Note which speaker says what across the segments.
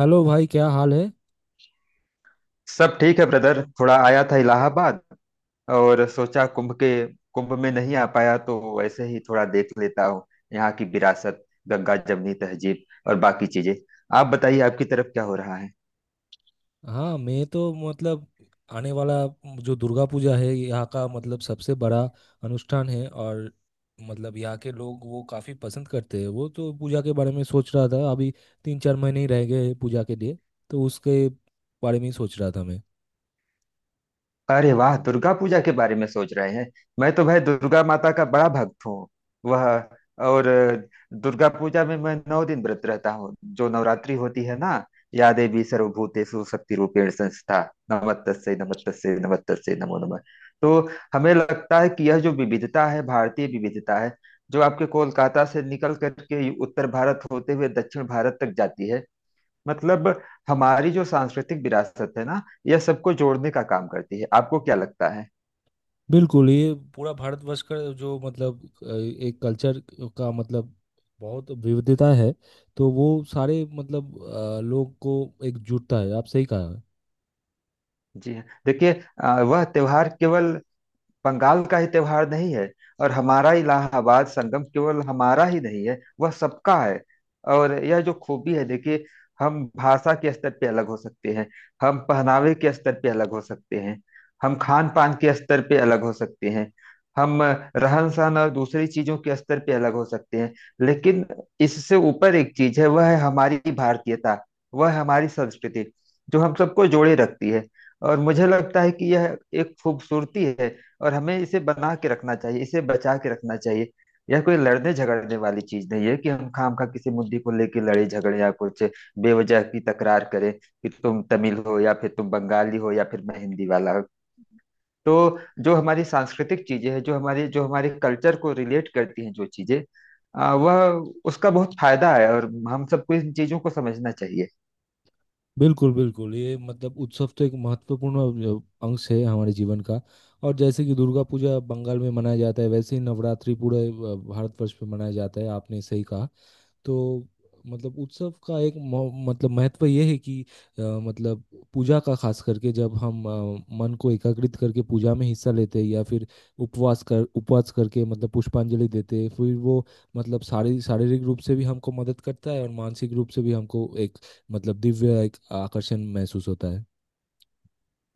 Speaker 1: Hello भाई, क्या हाल है।
Speaker 2: सब ठीक है ब्रदर। थोड़ा आया था इलाहाबाद। और सोचा कुंभ में नहीं आ पाया, तो वैसे ही थोड़ा देख लेता हूँ यहाँ की विरासत, गंगा जमनी तहजीब और बाकी चीजें। आप बताइए, आपकी तरफ क्या हो रहा है।
Speaker 1: हाँ, मैं तो मतलब आने वाला जो दुर्गा पूजा है यहाँ का, मतलब सबसे बड़ा अनुष्ठान है, और मतलब यहाँ के लोग वो काफ़ी पसंद करते हैं। वो तो पूजा के बारे में सोच रहा था अभी। तीन चार महीने ही रह गए हैं पूजा के लिए, तो उसके बारे में ही सोच रहा था मैं।
Speaker 2: अरे वाह, दुर्गा पूजा के बारे में सोच रहे हैं। मैं तो भाई दुर्गा माता का बड़ा भक्त हूँ। वह, और दुर्गा पूजा में मैं 9 दिन व्रत रहता हूँ, जो नवरात्रि होती है ना। या देवी सर्वभूतेषु शक्ति रूपेण संस्था, नमस्तस्यै नमस्तस्यै नमस्तस्यै नमो नमः। तो हमें लगता है कि यह जो विविधता है, भारतीय विविधता है, जो आपके कोलकाता से निकल करके उत्तर भारत होते हुए दक्षिण भारत तक जाती है। मतलब हमारी जो सांस्कृतिक विरासत है ना, यह सबको जोड़ने का काम करती है। आपको क्या लगता है?
Speaker 1: बिल्कुल, ये पूरा भारतवर्ष का जो मतलब एक कल्चर का मतलब बहुत विविधता है। तो वो सारे मतलब लोग को एकजुटता है। आप सही कहा।
Speaker 2: जी हाँ, देखिए। वह त्योहार केवल बंगाल का ही त्योहार नहीं है, और हमारा इलाहाबाद संगम केवल हमारा ही नहीं है, वह सबका है। और यह जो खूबी है, देखिए, हम भाषा के स्तर पे अलग हो सकते हैं, हम पहनावे के स्तर पे अलग हो सकते हैं, हम खान पान के स्तर पे अलग हो सकते हैं, हम रहन सहन और दूसरी चीजों के स्तर पे अलग हो सकते हैं, लेकिन इससे ऊपर एक चीज है, वह है हमारी भारतीयता, वह है हमारी संस्कृति, जो हम सबको जोड़े रखती है। और मुझे लगता है कि यह एक खूबसूरती है, और हमें इसे बना के रखना चाहिए, इसे बचा के रखना चाहिए। यह कोई लड़ने झगड़ने वाली चीज नहीं है कि हम खामखा किसी मुद्दे को लेके लड़े झगड़े या कुछ बेवजह की तकरार करें कि तुम तमिल हो या फिर तुम बंगाली हो या फिर मैं हिंदी वाला हूँ। तो जो हमारी सांस्कृतिक चीजें हैं, जो हमारे कल्चर को रिलेट करती हैं, जो चीजें, आ, वह उसका बहुत फायदा है, और हम सबको इन चीजों को समझना चाहिए।
Speaker 1: बिल्कुल बिल्कुल, ये मतलब उत्सव तो एक महत्वपूर्ण अंश है हमारे जीवन का। और जैसे कि दुर्गा पूजा बंगाल में मनाया जाता है, वैसे ही नवरात्रि पूरे भारतवर्ष में मनाया जाता है। आपने सही कहा। तो मतलब उत्सव का एक मतलब महत्व यह है कि अ, मतलब पूजा का, खास करके जब हम मन को एकाग्रित करके पूजा में हिस्सा लेते हैं या फिर उपवास करके मतलब पुष्पांजलि देते हैं, फिर वो मतलब शारीरिक रूप से भी हमको मदद करता है और मानसिक रूप से भी हमको एक मतलब दिव्य एक आकर्षण महसूस होता है।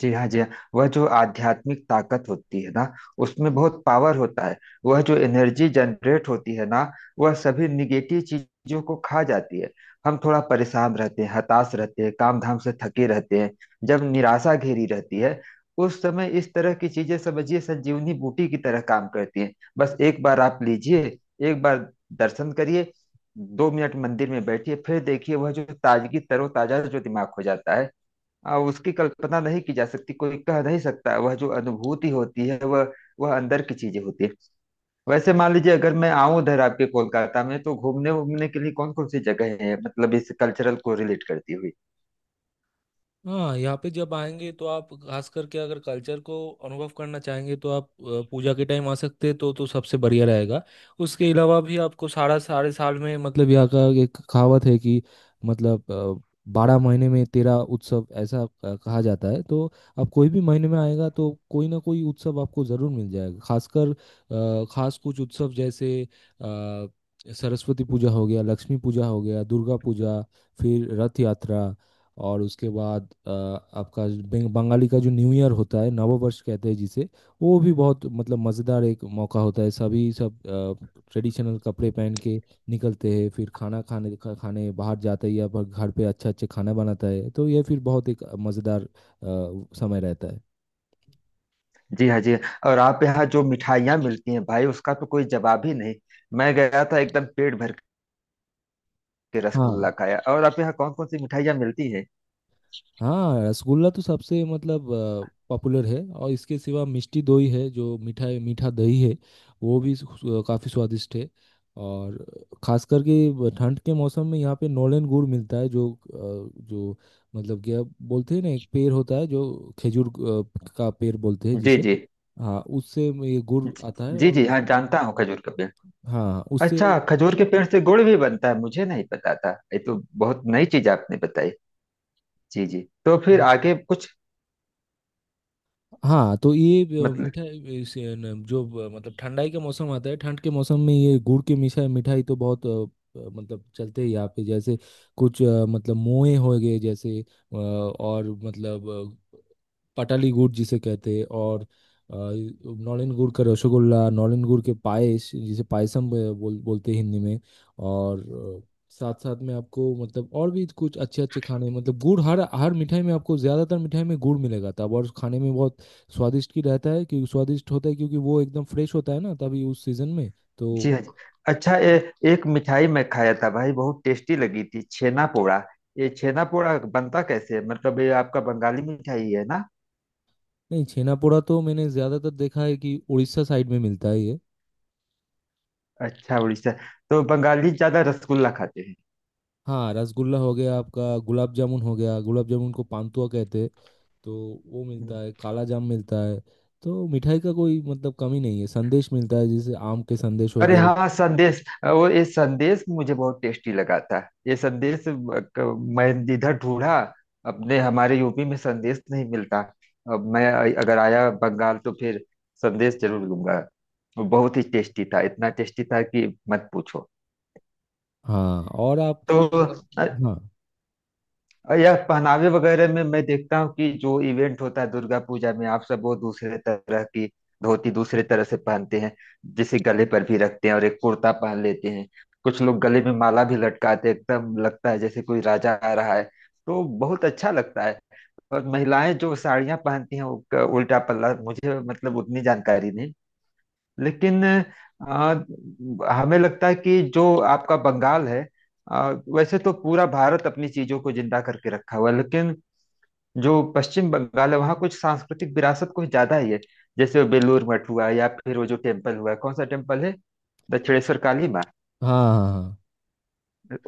Speaker 2: जी हाँ, जी हाँ। वह जो आध्यात्मिक ताकत होती है ना, उसमें बहुत पावर होता है। वह जो एनर्जी जनरेट होती है ना, वह सभी निगेटिव चीजों को खा जाती है। हम थोड़ा परेशान रहते हैं, हताश रहते हैं, काम धाम से थके रहते हैं। जब निराशा घेरी रहती है, उस समय इस तरह की चीजें समझिए संजीवनी बूटी की तरह काम करती हैं। बस एक बार आप लीजिए, एक बार दर्शन करिए, 2 मिनट मंदिर में बैठिए, फिर देखिए वह जो ताजगी, तरोताजा जो दिमाग हो जाता है, उसकी कल्पना नहीं की जा सकती, कोई कह नहीं सकता। वह जो अनुभूति होती है, वह अंदर की चीजें होती है। वैसे मान लीजिए, अगर मैं आऊं उधर आपके कोलकाता में, तो घूमने घूमने के लिए कौन कौन सी जगह है, मतलब इस कल्चरल को रिलेट करती हुई।
Speaker 1: हाँ, यहाँ पे जब आएंगे तो आप, खास करके अगर कल्चर को अनुभव करना चाहेंगे, तो आप पूजा के टाइम आ सकते हैं, तो सबसे बढ़िया रहेगा। उसके अलावा भी आपको सारा सारे साल में मतलब यहाँ का एक कहावत है कि, मतलब बारह महीने में तेरह उत्सव ऐसा कहा जाता है। तो आप कोई भी महीने में आएगा तो कोई ना कोई उत्सव आपको ज़रूर मिल जाएगा। खासकर खास कुछ उत्सव जैसे अ, सरस्वती पूजा हो गया, लक्ष्मी पूजा हो गया, दुर्गा पूजा, फिर रथ यात्रा, और उसके बाद आपका जो बंगाली का जो न्यू ईयर होता है, नववर्ष कहते हैं जिसे। वो भी बहुत मतलब मज़ेदार एक मौका होता है। सभी सब ट्रेडिशनल कपड़े पहन के निकलते हैं, फिर खाना खाने बाहर जाते हैं या फिर घर पे अच्छा अच्छा खाना बनाता है। तो ये फिर बहुत एक मज़ेदार समय रहता है।
Speaker 2: जी हाँ, जी हाँ। और आप यहाँ जो मिठाइयाँ मिलती हैं भाई, उसका तो कोई जवाब ही नहीं। मैं गया था, एकदम पेट भर के
Speaker 1: हाँ।
Speaker 2: रसगुल्ला खाया। और आप यहाँ कौन कौन सी मिठाइयाँ मिलती है?
Speaker 1: हाँ, रसगुल्ला तो सबसे मतलब पॉपुलर है, और इसके सिवा मिष्टी दोई है जो मीठा मीठा दही है, वो भी काफ़ी स्वादिष्ट है। और खास करके ठंड के मौसम में यहाँ पे नॉलेन गुड़ मिलता है, जो जो मतलब क्या बोलते हैं ना, एक पेड़ होता है जो खजूर का पेड़ बोलते हैं
Speaker 2: जी,
Speaker 1: जिसे।
Speaker 2: जी,
Speaker 1: हाँ, उससे ये गुड़
Speaker 2: जी,
Speaker 1: आता है,
Speaker 2: जी,
Speaker 1: और
Speaker 2: जी हाँ,
Speaker 1: उससे।
Speaker 2: जानता हूँ खजूर का पेड़।
Speaker 1: हाँ उससे।
Speaker 2: अच्छा, खजूर के पेड़ से गुड़ भी बनता है? मुझे नहीं पता था, ये तो बहुत नई चीज आपने बताई। जी जी, तो फिर आगे कुछ?
Speaker 1: हाँ, तो ये
Speaker 2: मतलब।
Speaker 1: मिठाई इस, अ, न- जो मतलब ठंडाई का मौसम आता है, ठंड के मौसम में ये गुड़ की मिठाई मिठाई तो बहुत मतलब चलते हैं यहाँ पे, जैसे कुछ मतलब मोए हो गए, जैसे और मतलब पटाली गुड़ जिसे कहते हैं, और नौलन गुड़ का रसगुल्ला, नौलन गुड़ के पायस जिसे पायसम बोलते हैं हिंदी में। और अ, साथ साथ में आपको मतलब और भी कुछ अच्छे अच्छे खाने, मतलब गुड़ हर हर मिठाई में, आपको ज़्यादातर मिठाई में गुड़ मिलेगा, तब। और खाने में बहुत स्वादिष्ट होता है, क्योंकि वो एकदम फ्रेश होता है ना तभी उस सीजन में। तो।
Speaker 2: जी हाँ, जी। अच्छा, एक मिठाई मैं खाया था भाई, बहुत टेस्टी लगी थी, छेना पोड़ा। ये छेना पोड़ा बनता कैसे है? मतलब ये आपका बंगाली मिठाई है ना?
Speaker 1: नहीं, छेना पोड़ा तो मैंने ज़्यादातर देखा है कि उड़ीसा साइड में मिलता है ये।
Speaker 2: अच्छा, उड़ीसा। तो बंगाली ज्यादा रसगुल्ला खाते
Speaker 1: हाँ, रसगुल्ला हो गया, आपका गुलाब जामुन हो गया, गुलाब जामुन को पानतुआ कहते हैं, तो वो
Speaker 2: हैं?
Speaker 1: मिलता है, काला जाम मिलता है। तो मिठाई का कोई मतलब कमी नहीं है, संदेश मिलता है, जैसे आम के संदेश हो
Speaker 2: अरे
Speaker 1: गए।
Speaker 2: हाँ, संदेश, वो ये संदेश मुझे बहुत टेस्टी लगा था। ये संदेश मैं इधर ढूंढा, अपने हमारे यूपी में संदेश नहीं मिलता। अब मैं, अगर आया बंगाल, तो फिर संदेश जरूर लूंगा। वो बहुत ही टेस्टी था, इतना टेस्टी था कि मत पूछो।
Speaker 1: हाँ और आप।
Speaker 2: तो
Speaker 1: हाँ
Speaker 2: और यह पहनावे वगैरह में मैं देखता हूँ कि जो इवेंट होता है दुर्गा पूजा में, आप सब वो दूसरे तरह की धोती दूसरे तरह से पहनते हैं, जिसे गले पर भी रखते हैं, और एक कुर्ता पहन लेते हैं। कुछ लोग गले में माला भी लटकाते हैं, एकदम लगता है जैसे कोई राजा आ रहा है, तो बहुत अच्छा लगता है। और महिलाएं जो साड़ियां पहनती हैं, उनका उल्टा पल्ला, मुझे मतलब उतनी जानकारी नहीं, लेकिन आ, हमें लगता है कि जो आपका बंगाल है, आ, वैसे तो पूरा भारत अपनी चीजों को जिंदा करके रखा हुआ है, लेकिन जो पश्चिम बंगाल है, वहाँ कुछ सांस्कृतिक विरासत कुछ ज्यादा ही है। जैसे बेलूर मठ हुआ, या फिर वो जो टेम्पल हुआ, कौन सा टेम्पल है, दक्षिणेश्वर काली माँ।
Speaker 1: हाँ हाँ। हाँ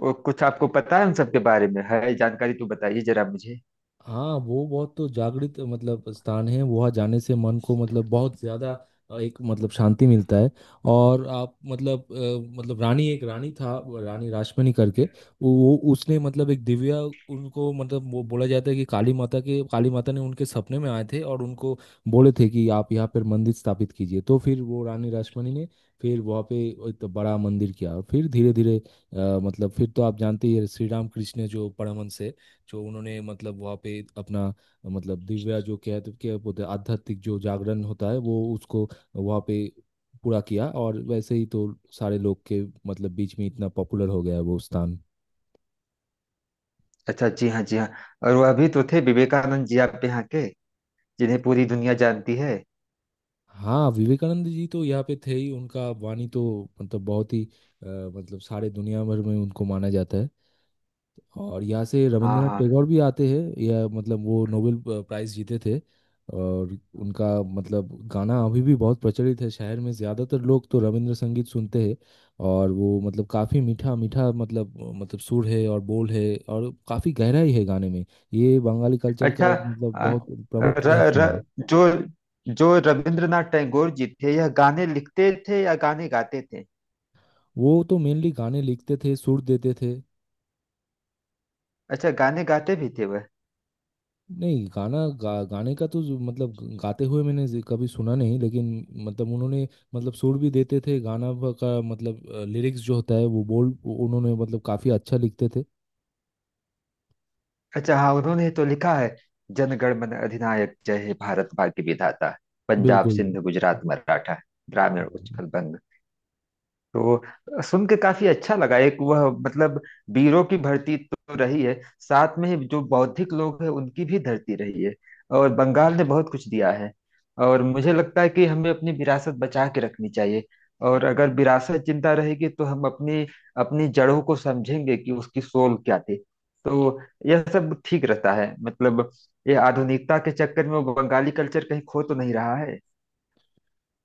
Speaker 2: वो कुछ आपको पता है उन सब के बारे में है जानकारी? तो बताइए जरा मुझे।
Speaker 1: हाँ। वो बहुत तो जागृत मतलब स्थान है, वहाँ जाने से मन को मतलब बहुत ज्यादा एक मतलब शांति मिलता है। और आप मतलब मतलब रानी, एक रानी था वो, रानी रासमणी करके। उसने मतलब एक दिव्या उनको, मतलब वो बोला जाता है कि काली माता ने उनके सपने में आए थे और उनको बोले थे कि आप यहाँ पर मंदिर स्थापित कीजिए। तो फिर वो रानी रासमणी ने फिर वहाँ पे एक बड़ा मंदिर किया, और फिर धीरे धीरे मतलब फिर तो आप जानते ही हैं श्री राम कृष्ण जो परमहंस है, जो उन्होंने मतलब वहाँ पे अपना मतलब दिव्या जो कहते क्या बोलते हैं, आध्यात्मिक जो जागरण होता है वो उसको वहाँ पे पूरा किया। और वैसे ही तो सारे लोग के मतलब बीच में इतना पॉपुलर हो गया है वो स्थान।
Speaker 2: अच्छा, जी हाँ, जी हाँ। और वह भी तो थे विवेकानंद जी आप यहाँ के, जिन्हें पूरी दुनिया जानती है।
Speaker 1: हाँ, विवेकानंद जी तो यहाँ पे थे ही, उनका वाणी तो मतलब बहुत ही मतलब सारे दुनिया भर में उनको माना जाता है। और यहाँ से
Speaker 2: हाँ
Speaker 1: रविंद्रनाथ
Speaker 2: हाँ।
Speaker 1: टैगोर भी आते हैं, या मतलब वो नोबेल प्राइज जीते थे। और उनका मतलब गाना अभी भी बहुत प्रचलित है शहर में, ज़्यादातर लोग तो रविंद्र संगीत सुनते हैं, और वो मतलब काफ़ी मीठा मीठा मतलब सुर है और बोल है और काफ़ी गहराई है गाने में। ये बंगाली कल्चर का
Speaker 2: अच्छा।
Speaker 1: एक मतलब
Speaker 2: अ,
Speaker 1: बहुत प्रमुख
Speaker 2: र,
Speaker 1: हिस्सा है।
Speaker 2: र, जो जो रविंद्रनाथ टैगोर जी थे, यह गाने लिखते थे या गाने गाते थे?
Speaker 1: वो तो मेनली गाने लिखते थे, सुर देते थे।
Speaker 2: अच्छा, गाने गाते भी थे वह?
Speaker 1: नहीं, गाने का तो मतलब गाते हुए मैंने कभी सुना नहीं, लेकिन मतलब उन्होंने मतलब सुर भी देते थे, गाना का मतलब लिरिक्स जो होता है वो बोल, वो उन्होंने मतलब काफी अच्छा लिखते थे।
Speaker 2: अच्छा हाँ, उन्होंने तो लिखा है, जनगण मन अधिनायक जय हे भारत भाग्य विधाता, पंजाब
Speaker 1: बिल्कुल।
Speaker 2: सिंध गुजरात मराठा, ग्रामीण उत्कल बंग। तो सुन के काफी अच्छा लगा। एक वह मतलब, वीरों की धरती तो रही है, साथ में ही जो बौद्धिक लोग हैं उनकी भी धरती रही है। और बंगाल ने बहुत कुछ दिया है। और मुझे लगता है कि हमें अपनी विरासत बचा के रखनी चाहिए, और अगर विरासत जिंदा रहेगी तो हम अपनी अपनी जड़ों को समझेंगे कि उसकी सोल क्या थी। तो यह सब ठीक रहता है, मतलब ये आधुनिकता के चक्कर में वो बंगाली कल्चर कहीं खो तो नहीं रहा है?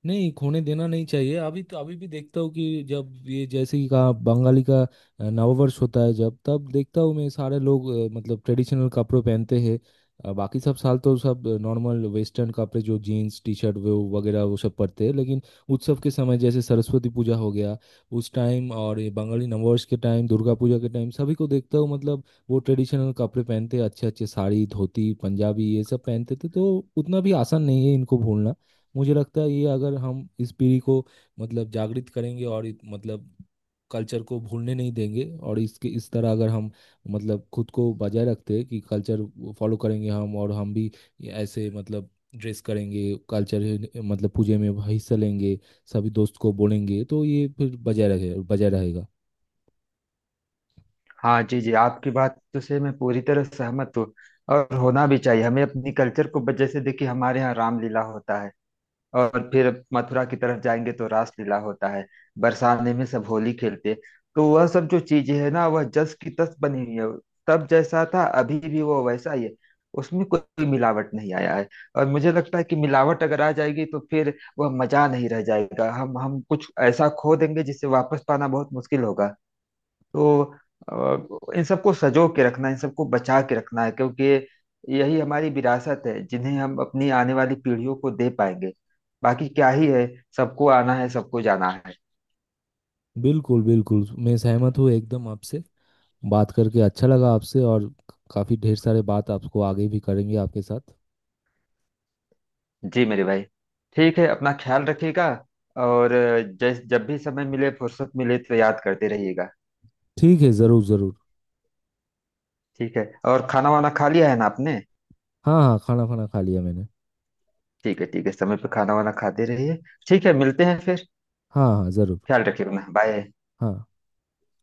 Speaker 1: नहीं खोने देना नहीं चाहिए, अभी तो अभी भी देखता हूँ कि जब ये, जैसे कि कहा बंगाली का नववर्ष होता है जब, तब देखता हूँ मैं सारे लोग मतलब ट्रेडिशनल कपड़े पहनते हैं। बाकी सब साल तो सब नॉर्मल वेस्टर्न कपड़े, जो जीन्स टी शर्ट वो वगैरह वो सब पहनते हैं, लेकिन उत्सव के समय, जैसे सरस्वती पूजा हो गया, उस टाइम, और ये बंगाली नववर्ष के टाइम, दुर्गा पूजा के टाइम, सभी को देखता हूँ मतलब वो ट्रेडिशनल कपड़े पहनते हैं, अच्छे अच्छे साड़ी, धोती, पंजाबी ये सब पहनते थे। तो उतना भी आसान नहीं है इनको भूलना। मुझे लगता है ये, अगर हम इस पीढ़ी को मतलब जागृत करेंगे और मतलब कल्चर को भूलने नहीं देंगे, और इसके इस तरह अगर हम मतलब खुद को बजाय रखते हैं कि कल्चर फॉलो करेंगे हम, और हम भी ऐसे मतलब ड्रेस करेंगे, कल्चर मतलब पूजे में हिस्सा लेंगे, सभी दोस्त को बोलेंगे, तो ये फिर बजाय रहेगा।
Speaker 2: हाँ जी जी, आपकी बात तो से मैं पूरी तरह सहमत हूँ, और होना भी चाहिए। हमें अपनी कल्चर को जैसे देखिए, हमारे यहाँ रामलीला होता है, और फिर मथुरा की तरफ जाएंगे तो रासलीला होता है, बरसाने में सब होली खेलते हैं। तो वह सब जो चीजें है ना, वह जस की तस बनी हुई है। तब जैसा था, अभी भी वो वैसा ही है, उसमें कोई मिलावट नहीं आया है। और मुझे लगता है कि मिलावट अगर आ जाएगी, तो फिर वह मजा नहीं रह जाएगा, हम कुछ ऐसा खो देंगे जिसे वापस पाना बहुत मुश्किल होगा। तो इन सबको सजो के रखना, इन सबको बचा के रखना है, क्योंकि यही हमारी विरासत है, जिन्हें हम अपनी आने वाली पीढ़ियों को दे पाएंगे। बाकी क्या ही है, सबको आना है सबको जाना है।
Speaker 1: बिल्कुल बिल्कुल, मैं सहमत हूँ एकदम आपसे। बात करके अच्छा लगा आपसे, और काफ़ी ढेर सारे बात आपको आगे भी करेंगे आपके साथ।
Speaker 2: जी मेरे भाई, ठीक है, अपना ख्याल रखिएगा। और जैस जब भी समय मिले, फुर्सत मिले, तो याद करते रहिएगा।
Speaker 1: ठीक है, ज़रूर ज़रूर।
Speaker 2: ठीक है। और खाना वाना खा लिया है ना आपने?
Speaker 1: हाँ हाँ, खाना खाना खा लिया मैंने।
Speaker 2: ठीक है, ठीक है, समय पे खाना वाना खाते रहिए। ठीक है, मिलते हैं फिर।
Speaker 1: हाँ हाँ ज़रूर।
Speaker 2: ख्याल रखिए अपना, बाय।
Speaker 1: हाँ।